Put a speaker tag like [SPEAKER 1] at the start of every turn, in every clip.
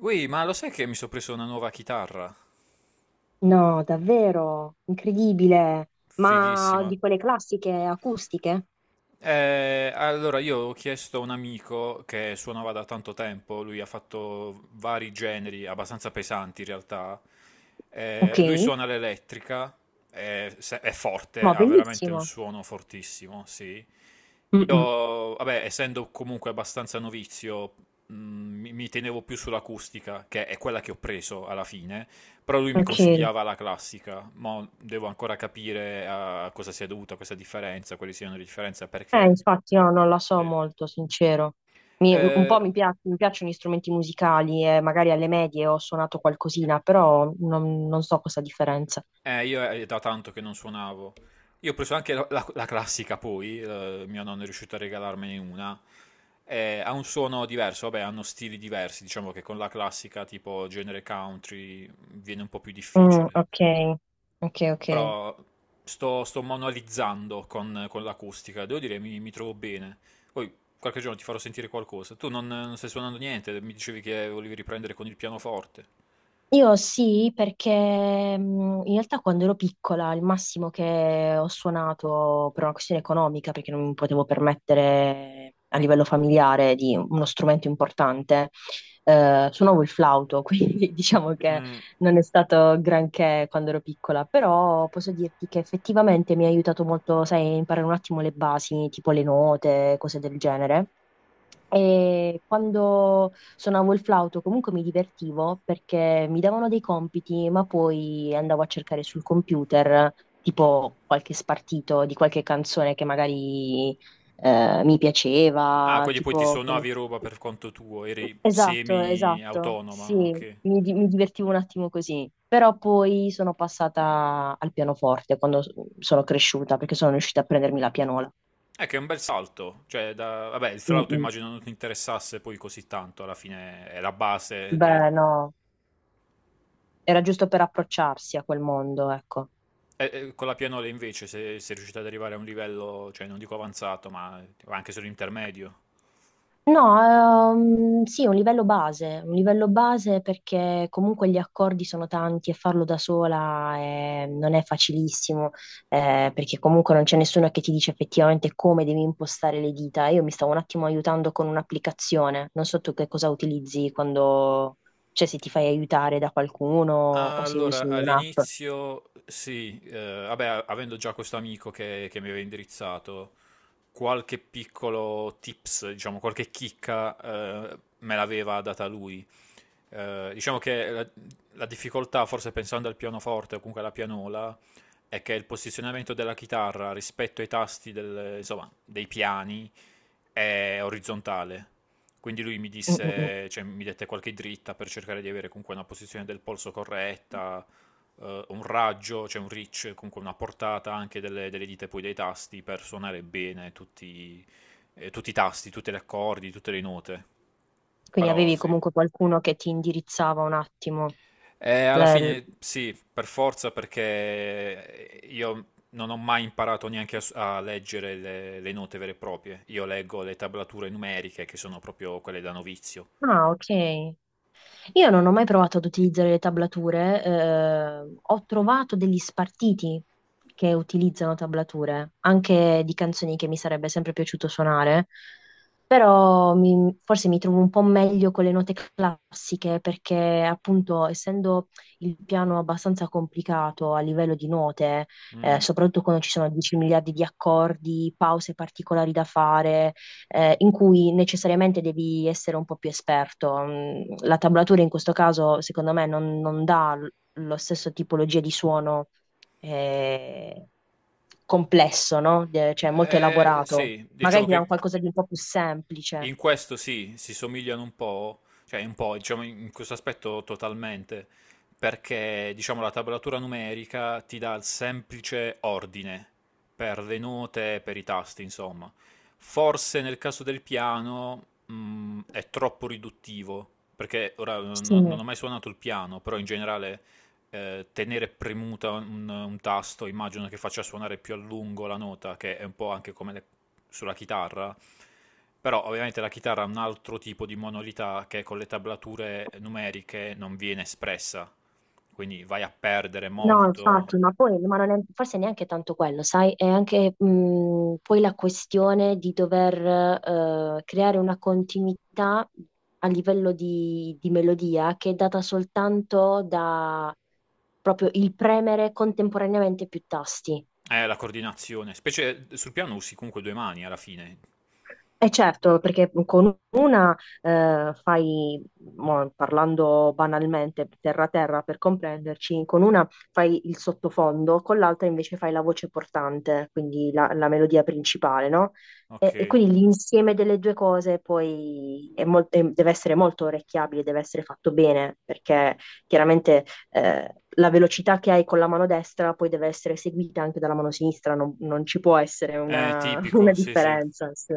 [SPEAKER 1] Ui, ma lo sai che mi sono preso una nuova chitarra?
[SPEAKER 2] No, davvero, incredibile. Ma
[SPEAKER 1] Fighissima.
[SPEAKER 2] di quelle classiche acustiche?
[SPEAKER 1] Allora, io ho chiesto a un amico che suonava da tanto tempo, lui ha fatto vari generi, abbastanza pesanti in realtà.
[SPEAKER 2] Ok,
[SPEAKER 1] Lui suona l'elettrica, è, se- è forte,
[SPEAKER 2] ma
[SPEAKER 1] ha veramente un
[SPEAKER 2] bellissimo.
[SPEAKER 1] suono fortissimo, sì.
[SPEAKER 2] Mm-mm.
[SPEAKER 1] Io, vabbè, essendo comunque abbastanza novizio, mi tenevo più sull'acustica, che è quella che ho preso alla fine. Però lui mi
[SPEAKER 2] Ok,
[SPEAKER 1] consigliava la classica, ma devo ancora capire a cosa sia dovuta questa differenza, quali siano le differenze, perché.
[SPEAKER 2] infatti io non la so
[SPEAKER 1] Sì.
[SPEAKER 2] molto, sincero. Mi- un po'
[SPEAKER 1] Eh,
[SPEAKER 2] mi, pia- Mi piacciono gli strumenti musicali e magari alle medie ho suonato qualcosina, però non so questa differenza.
[SPEAKER 1] io è da tanto che non suonavo. Io ho preso anche la classica poi, mio nonno è riuscito a regalarmene una. Ha un suono diverso, vabbè, hanno stili diversi, diciamo che con la classica tipo genere country viene un po' più
[SPEAKER 2] Mm,
[SPEAKER 1] difficile.
[SPEAKER 2] ok, ok, ok.
[SPEAKER 1] Però sto manualizzando con l'acustica, devo dire mi trovo bene. Poi qualche giorno ti farò sentire qualcosa. Tu non stai suonando niente, mi dicevi che volevi riprendere con il pianoforte.
[SPEAKER 2] Io sì, perché in realtà quando ero piccola il massimo che ho suonato per una questione economica, perché non mi potevo permettere a livello familiare di uno strumento importante, suonavo il flauto, quindi diciamo che
[SPEAKER 1] Mm.
[SPEAKER 2] non è stato granché quando ero piccola, però posso dirti che effettivamente mi ha aiutato molto, sai, a imparare un attimo le basi, tipo le note, cose del genere. E quando suonavo il flauto comunque mi divertivo perché mi davano dei compiti, ma poi andavo a cercare sul computer tipo qualche spartito di qualche canzone che magari mi
[SPEAKER 1] Ah,
[SPEAKER 2] piaceva,
[SPEAKER 1] quindi poi ti
[SPEAKER 2] tipo...
[SPEAKER 1] suonavi roba per conto tuo, eri
[SPEAKER 2] Esatto, esatto, sì,
[SPEAKER 1] semi-autonoma, ok.
[SPEAKER 2] mi divertivo un attimo così, però poi sono passata al pianoforte sono cresciuta perché sono riuscita a prendermi la pianola.
[SPEAKER 1] È che è un bel salto, cioè, da vabbè, il
[SPEAKER 2] Mm,
[SPEAKER 1] flauto
[SPEAKER 2] mm.
[SPEAKER 1] immagino non ti interessasse poi così tanto, alla fine è la base del.
[SPEAKER 2] Beh, no. Era giusto per approcciarsi a quel mondo, ecco.
[SPEAKER 1] Con la pianola invece, se sei riuscita ad arrivare a un livello, cioè non dico avanzato, ma anche solo intermedio.
[SPEAKER 2] No, sì, un livello base perché comunque gli accordi sono tanti e farlo da sola non è facilissimo, perché comunque non c'è nessuno che ti dice effettivamente come devi impostare le dita. Io mi stavo un attimo aiutando con un'applicazione, non so tu che cosa utilizzi quando, cioè se ti fai aiutare da qualcuno o se usi
[SPEAKER 1] Allora,
[SPEAKER 2] un'app.
[SPEAKER 1] all'inizio sì, vabbè, avendo già questo amico che mi aveva indirizzato, qualche piccolo tips, diciamo, qualche chicca, me l'aveva data lui. Diciamo che la difficoltà, forse pensando al pianoforte o comunque alla pianola, è che il posizionamento della chitarra rispetto ai tasti insomma, dei piani è orizzontale. Quindi lui mi
[SPEAKER 2] Mm, mm, mm.
[SPEAKER 1] disse, cioè, mi dette qualche dritta per cercare di avere comunque una posizione del polso corretta, un raggio, cioè un reach, comunque una portata anche delle dita e poi dei tasti per suonare bene tutti, tutti i tasti, tutti gli accordi, tutte le note.
[SPEAKER 2] Quindi
[SPEAKER 1] Però
[SPEAKER 2] avevi
[SPEAKER 1] sì,
[SPEAKER 2] comunque qualcuno che ti indirizzava un attimo.
[SPEAKER 1] alla fine sì, per forza, perché io non ho mai imparato neanche a, a leggere le note vere e proprie. Io leggo le tablature numeriche, che sono proprio quelle da novizio.
[SPEAKER 2] Ah, ok. Io non ho mai provato ad utilizzare le tablature, ho trovato degli spartiti che utilizzano tablature, anche di canzoni che mi sarebbe sempre piaciuto suonare, però forse mi trovo un po' meglio con le note classiche perché appunto essendo il piano abbastanza complicato a livello di note,
[SPEAKER 1] Mm.
[SPEAKER 2] soprattutto quando ci sono 10 miliardi di accordi, pause particolari da fare in cui necessariamente devi essere un po' più esperto. Mm. La tablatura in questo caso, secondo me, non dà lo stesso tipologia di suono eh, complesso, no? Cioè molto
[SPEAKER 1] Eh,
[SPEAKER 2] elaborato.
[SPEAKER 1] sì,
[SPEAKER 2] Magari
[SPEAKER 1] diciamo
[SPEAKER 2] ti dà un
[SPEAKER 1] che
[SPEAKER 2] qualcosa di un po' più semplice.
[SPEAKER 1] in questo sì, si somigliano un po', cioè un po', diciamo in questo aspetto totalmente, perché diciamo la tablatura numerica ti dà il semplice ordine per le note, per i tasti, insomma. Forse nel caso del piano, è troppo riduttivo, perché ora non
[SPEAKER 2] Sì.
[SPEAKER 1] ho mai suonato il piano, però in generale tenere premuta un tasto, immagino che faccia suonare più a lungo la nota, che è un po' anche come sulla chitarra. Però ovviamente la chitarra ha un altro tipo di monolità che con le tablature numeriche non viene espressa, quindi vai a perdere
[SPEAKER 2] No,
[SPEAKER 1] molto,
[SPEAKER 2] infatti, ma poi ma non è, forse neanche tanto quello, sai? È anche poi la questione di dover creare una continuità a livello di melodia che è data soltanto da proprio il premere contemporaneamente più tasti.
[SPEAKER 1] la coordinazione, specie sul piano usi comunque due mani alla fine.
[SPEAKER 2] E certo, perché con una fai, mo, parlando banalmente, terra terra per comprenderci, con una fai il sottofondo, con l'altra invece fai la voce portante, quindi la, la melodia principale, no?
[SPEAKER 1] Ok,
[SPEAKER 2] E quindi l'insieme delle due cose poi deve essere molto orecchiabile, deve essere fatto bene, perché chiaramente la velocità che hai con la mano destra poi deve essere seguita anche dalla mano sinistra, non ci può essere
[SPEAKER 1] è
[SPEAKER 2] una, una
[SPEAKER 1] tipico, sì sì.
[SPEAKER 2] differenza. Sì.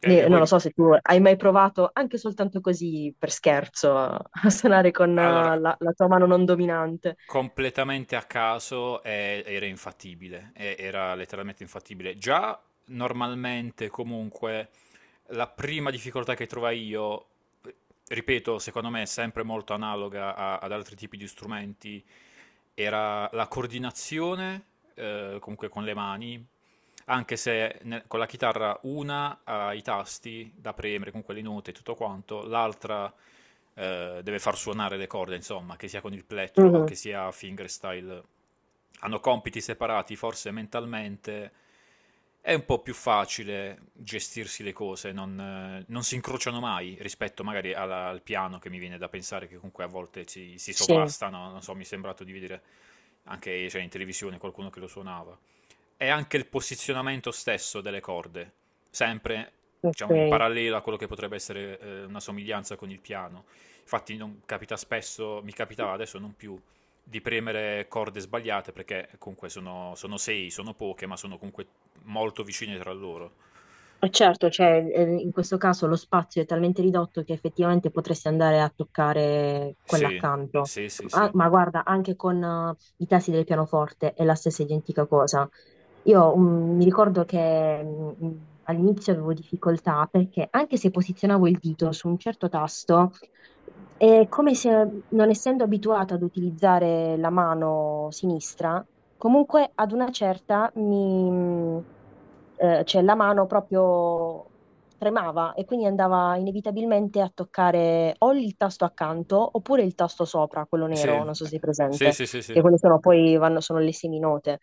[SPEAKER 1] Che
[SPEAKER 2] Non lo
[SPEAKER 1] poi,
[SPEAKER 2] so se tu hai mai provato, anche soltanto così per scherzo, a suonare con
[SPEAKER 1] allora,
[SPEAKER 2] la tua mano non dominante.
[SPEAKER 1] completamente a caso era infattibile, era letteralmente infattibile. Già normalmente comunque la prima difficoltà che trovai io, eh, ripeto, secondo me è sempre molto analoga ad altri tipi di strumenti, era la coordinazione, comunque con le mani, anche se con la chitarra una ha i tasti da premere con quelle note e tutto quanto, l'altra deve far suonare le corde, insomma, che sia con il plettro o
[SPEAKER 2] Mhm,
[SPEAKER 1] che sia fingerstyle. Hanno compiti separati, forse mentalmente è un po' più facile gestirsi le cose, non si incrociano mai rispetto magari al piano che mi viene da pensare che comunque a volte si
[SPEAKER 2] sì,
[SPEAKER 1] sovrastano, non so, mi è sembrato di vedere anche cioè, in televisione qualcuno che lo suonava, è anche il posizionamento stesso delle corde, sempre diciamo, in
[SPEAKER 2] ok.
[SPEAKER 1] parallelo a quello che potrebbe essere una somiglianza con il piano. Infatti non capita spesso, mi capitava adesso non più, di premere corde sbagliate perché comunque sono sei, sono poche, ma sono comunque molto vicine tra loro.
[SPEAKER 2] E certo, cioè, in questo caso lo spazio è talmente ridotto che effettivamente potresti andare a toccare quella
[SPEAKER 1] Sì,
[SPEAKER 2] accanto.
[SPEAKER 1] sì, sì,
[SPEAKER 2] Ah,
[SPEAKER 1] sì.
[SPEAKER 2] ma guarda, anche con i tasti del pianoforte è la stessa identica cosa. Io mi ricordo che all'inizio avevo difficoltà perché anche se posizionavo il dito su un certo tasto, è come se non essendo abituata ad utilizzare la mano sinistra, comunque ad una certa cioè la mano proprio tremava e quindi andava inevitabilmente a toccare o il tasto accanto oppure il tasto sopra, quello
[SPEAKER 1] Sì,
[SPEAKER 2] nero, non so se è
[SPEAKER 1] sì,
[SPEAKER 2] presente,
[SPEAKER 1] sì, sì,
[SPEAKER 2] che
[SPEAKER 1] sì.
[SPEAKER 2] quelle sono poi vanno, sono le seminote.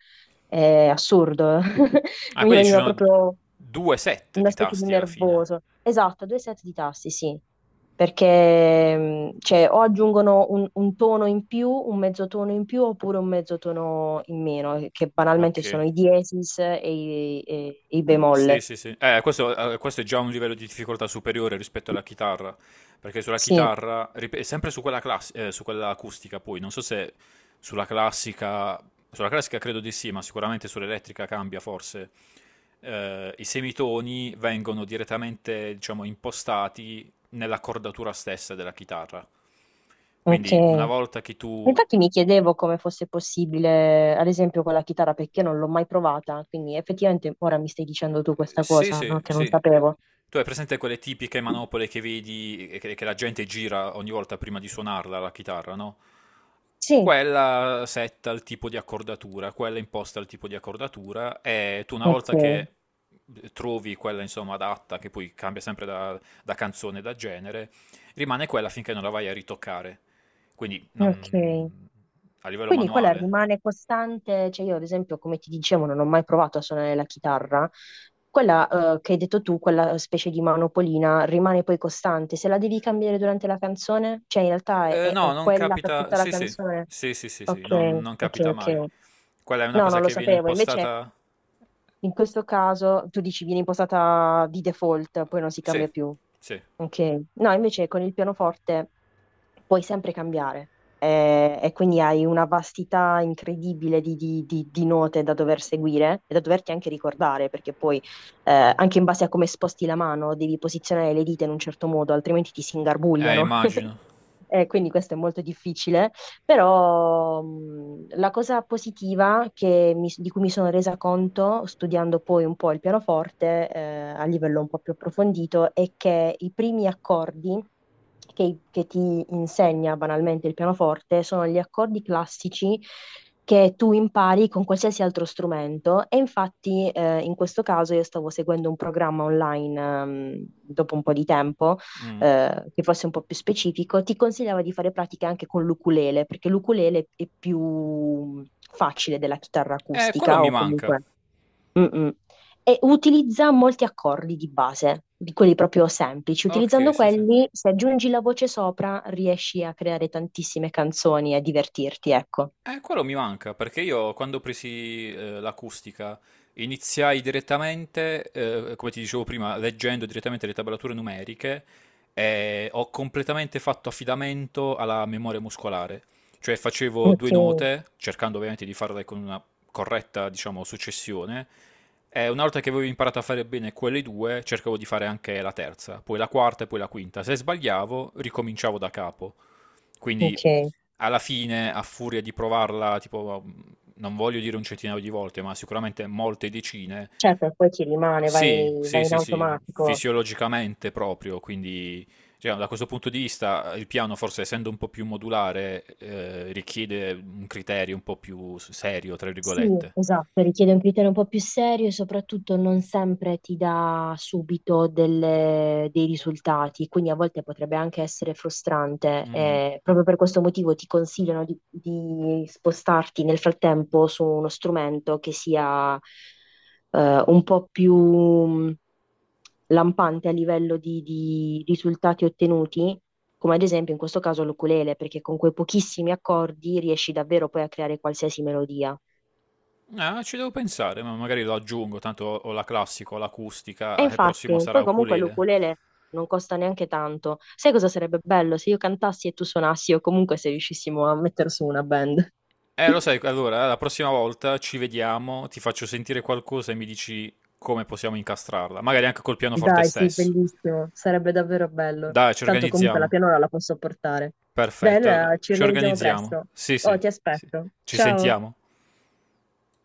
[SPEAKER 2] È assurdo.
[SPEAKER 1] Ah,
[SPEAKER 2] Mi
[SPEAKER 1] quindi ci
[SPEAKER 2] veniva
[SPEAKER 1] sono
[SPEAKER 2] proprio
[SPEAKER 1] due set
[SPEAKER 2] una
[SPEAKER 1] di
[SPEAKER 2] specie di
[SPEAKER 1] tasti alla fine.
[SPEAKER 2] nervoso. Esatto, due set di tasti, sì. Perché cioè, o aggiungono un tono in più, un mezzo tono in più, oppure un mezzo tono in meno, che banalmente
[SPEAKER 1] Ok.
[SPEAKER 2] sono i diesis e e i
[SPEAKER 1] Sì,
[SPEAKER 2] bemoll.
[SPEAKER 1] sì, sì. Questo è già un livello di difficoltà superiore rispetto alla chitarra, perché sulla
[SPEAKER 2] Sì,
[SPEAKER 1] chitarra, è sempre su quella, su quella acustica poi, non so se sulla classica, sulla classica, credo di sì, ma sicuramente sull'elettrica cambia forse. I semitoni vengono direttamente, diciamo, impostati nell'accordatura stessa della chitarra.
[SPEAKER 2] ok.
[SPEAKER 1] Quindi una volta che tu.
[SPEAKER 2] Infatti mi chiedevo come fosse possibile, ad esempio, con la chitarra, perché non l'ho mai provata. Quindi effettivamente ora mi stai dicendo tu questa
[SPEAKER 1] Sì,
[SPEAKER 2] cosa,
[SPEAKER 1] sì,
[SPEAKER 2] no? Che non
[SPEAKER 1] sì.
[SPEAKER 2] sapevo.
[SPEAKER 1] Tu hai presente quelle tipiche manopole che vedi e che la gente gira ogni volta prima di suonarla la chitarra, no?
[SPEAKER 2] Sì,
[SPEAKER 1] Quella setta il tipo di accordatura, quella imposta il tipo di accordatura e tu una volta
[SPEAKER 2] ok.
[SPEAKER 1] che trovi quella insomma adatta, che poi cambia sempre da canzone, da genere, rimane quella finché non la vai a ritoccare. Quindi
[SPEAKER 2] Ok.
[SPEAKER 1] non a livello
[SPEAKER 2] Quindi quella
[SPEAKER 1] manuale.
[SPEAKER 2] rimane costante, cioè io ad esempio, come ti dicevo, non ho mai provato a suonare la chitarra. Quella che hai detto tu, quella specie di manopolina, rimane poi costante. Se la devi cambiare durante la canzone, cioè in realtà
[SPEAKER 1] Eh, no,
[SPEAKER 2] è
[SPEAKER 1] non
[SPEAKER 2] quella per
[SPEAKER 1] capita.
[SPEAKER 2] tutta la
[SPEAKER 1] Sì, sì,
[SPEAKER 2] canzone.
[SPEAKER 1] sì, sì, sì, sì,
[SPEAKER 2] Ok,
[SPEAKER 1] non
[SPEAKER 2] ok,
[SPEAKER 1] capita
[SPEAKER 2] ok.
[SPEAKER 1] mai. Quella è una
[SPEAKER 2] No,
[SPEAKER 1] cosa
[SPEAKER 2] non lo
[SPEAKER 1] che viene
[SPEAKER 2] sapevo. Invece
[SPEAKER 1] impostata.
[SPEAKER 2] in questo caso tu dici viene impostata di default, poi non si
[SPEAKER 1] Sì,
[SPEAKER 2] cambia più.
[SPEAKER 1] sì.
[SPEAKER 2] Ok, no, invece con il pianoforte puoi sempre cambiare e quindi hai una vastità incredibile di, di note da dover seguire e da doverti anche ricordare, perché poi anche in base a come sposti la mano devi posizionare le dita in un certo modo, altrimenti ti si
[SPEAKER 1] Eh,
[SPEAKER 2] ingarbugliano.
[SPEAKER 1] immagino.
[SPEAKER 2] Quindi questo è molto difficile, però la cosa positiva di cui mi sono resa conto studiando poi un po' il pianoforte a livello un po' più approfondito è che i primi accordi che ti insegna banalmente il pianoforte sono gli accordi classici che tu impari con qualsiasi altro strumento e infatti in questo caso io stavo seguendo un programma online dopo un po' di tempo
[SPEAKER 1] Mm.
[SPEAKER 2] che fosse un po' più specifico, ti consigliava di fare pratiche anche con l'ukulele, perché l'ukulele è più mm, facile della chitarra
[SPEAKER 1] Quello
[SPEAKER 2] acustica
[SPEAKER 1] mi
[SPEAKER 2] o
[SPEAKER 1] manca.
[SPEAKER 2] comunque... Mm-mm. E utilizza molti accordi di base, di quelli proprio semplici. Utilizzando
[SPEAKER 1] Ok, sì, sì.
[SPEAKER 2] quelli, se aggiungi la voce sopra, riesci a creare tantissime canzoni e a divertirti, ecco.
[SPEAKER 1] Quello mi manca perché io quando ho presi l'acustica iniziai direttamente, come ti dicevo prima, leggendo direttamente le tablature numeriche e ho completamente fatto affidamento alla memoria muscolare. Cioè facevo due
[SPEAKER 2] Ok,
[SPEAKER 1] note, cercando ovviamente di farle con una corretta, diciamo, successione, e una volta che avevo imparato a fare bene quelle due, cercavo di fare anche la terza, poi la quarta e poi la quinta. Se sbagliavo, ricominciavo da capo. Quindi
[SPEAKER 2] ok.
[SPEAKER 1] alla fine, a furia di provarla, tipo, non voglio dire un centinaio di volte, ma sicuramente molte decine,
[SPEAKER 2] Certo, poi ti rimane,
[SPEAKER 1] sì,
[SPEAKER 2] vai,
[SPEAKER 1] sì,
[SPEAKER 2] vai in
[SPEAKER 1] sì, sì,
[SPEAKER 2] automatico.
[SPEAKER 1] fisiologicamente proprio, quindi cioè, da questo punto di vista il piano, forse essendo un po' più modulare, richiede un criterio un po' più serio, tra
[SPEAKER 2] Sì,
[SPEAKER 1] virgolette.
[SPEAKER 2] esatto, richiede un criterio un po' più serio e soprattutto non sempre ti dà subito dei risultati, quindi a volte potrebbe anche essere frustrante.
[SPEAKER 1] Mm.
[SPEAKER 2] Eh, proprio per questo motivo ti consigliano di spostarti nel frattempo su uno strumento che sia un po' più lampante a livello di risultati ottenuti. Come ad esempio in questo caso l'ukulele, perché con quei pochissimi accordi riesci davvero poi a creare qualsiasi melodia.
[SPEAKER 1] Ah, ci devo pensare, ma magari lo aggiungo, tanto ho la classica, ho
[SPEAKER 2] E
[SPEAKER 1] l'acustica, e prossimo
[SPEAKER 2] infatti,
[SPEAKER 1] sarà
[SPEAKER 2] poi comunque
[SPEAKER 1] ukulele.
[SPEAKER 2] l'ukulele non costa neanche tanto. Sai cosa sarebbe bello se io cantassi e tu suonassi o comunque se riuscissimo a mettere su una band?
[SPEAKER 1] Lo sai, allora la prossima volta ci vediamo, ti faccio sentire qualcosa e mi dici come possiamo incastrarla, magari anche col pianoforte
[SPEAKER 2] Dai, sì,
[SPEAKER 1] stesso.
[SPEAKER 2] bellissimo, sarebbe davvero bello.
[SPEAKER 1] Dai, ci
[SPEAKER 2] Tanto comunque la
[SPEAKER 1] organizziamo.
[SPEAKER 2] pianola la posso portare. Dai,
[SPEAKER 1] Perfetto,
[SPEAKER 2] allora ci
[SPEAKER 1] ci
[SPEAKER 2] organizziamo
[SPEAKER 1] organizziamo.
[SPEAKER 2] presto.
[SPEAKER 1] Sì,
[SPEAKER 2] Oh,
[SPEAKER 1] sì,
[SPEAKER 2] ti
[SPEAKER 1] sì.
[SPEAKER 2] aspetto.
[SPEAKER 1] Ci
[SPEAKER 2] Ciao.
[SPEAKER 1] sentiamo.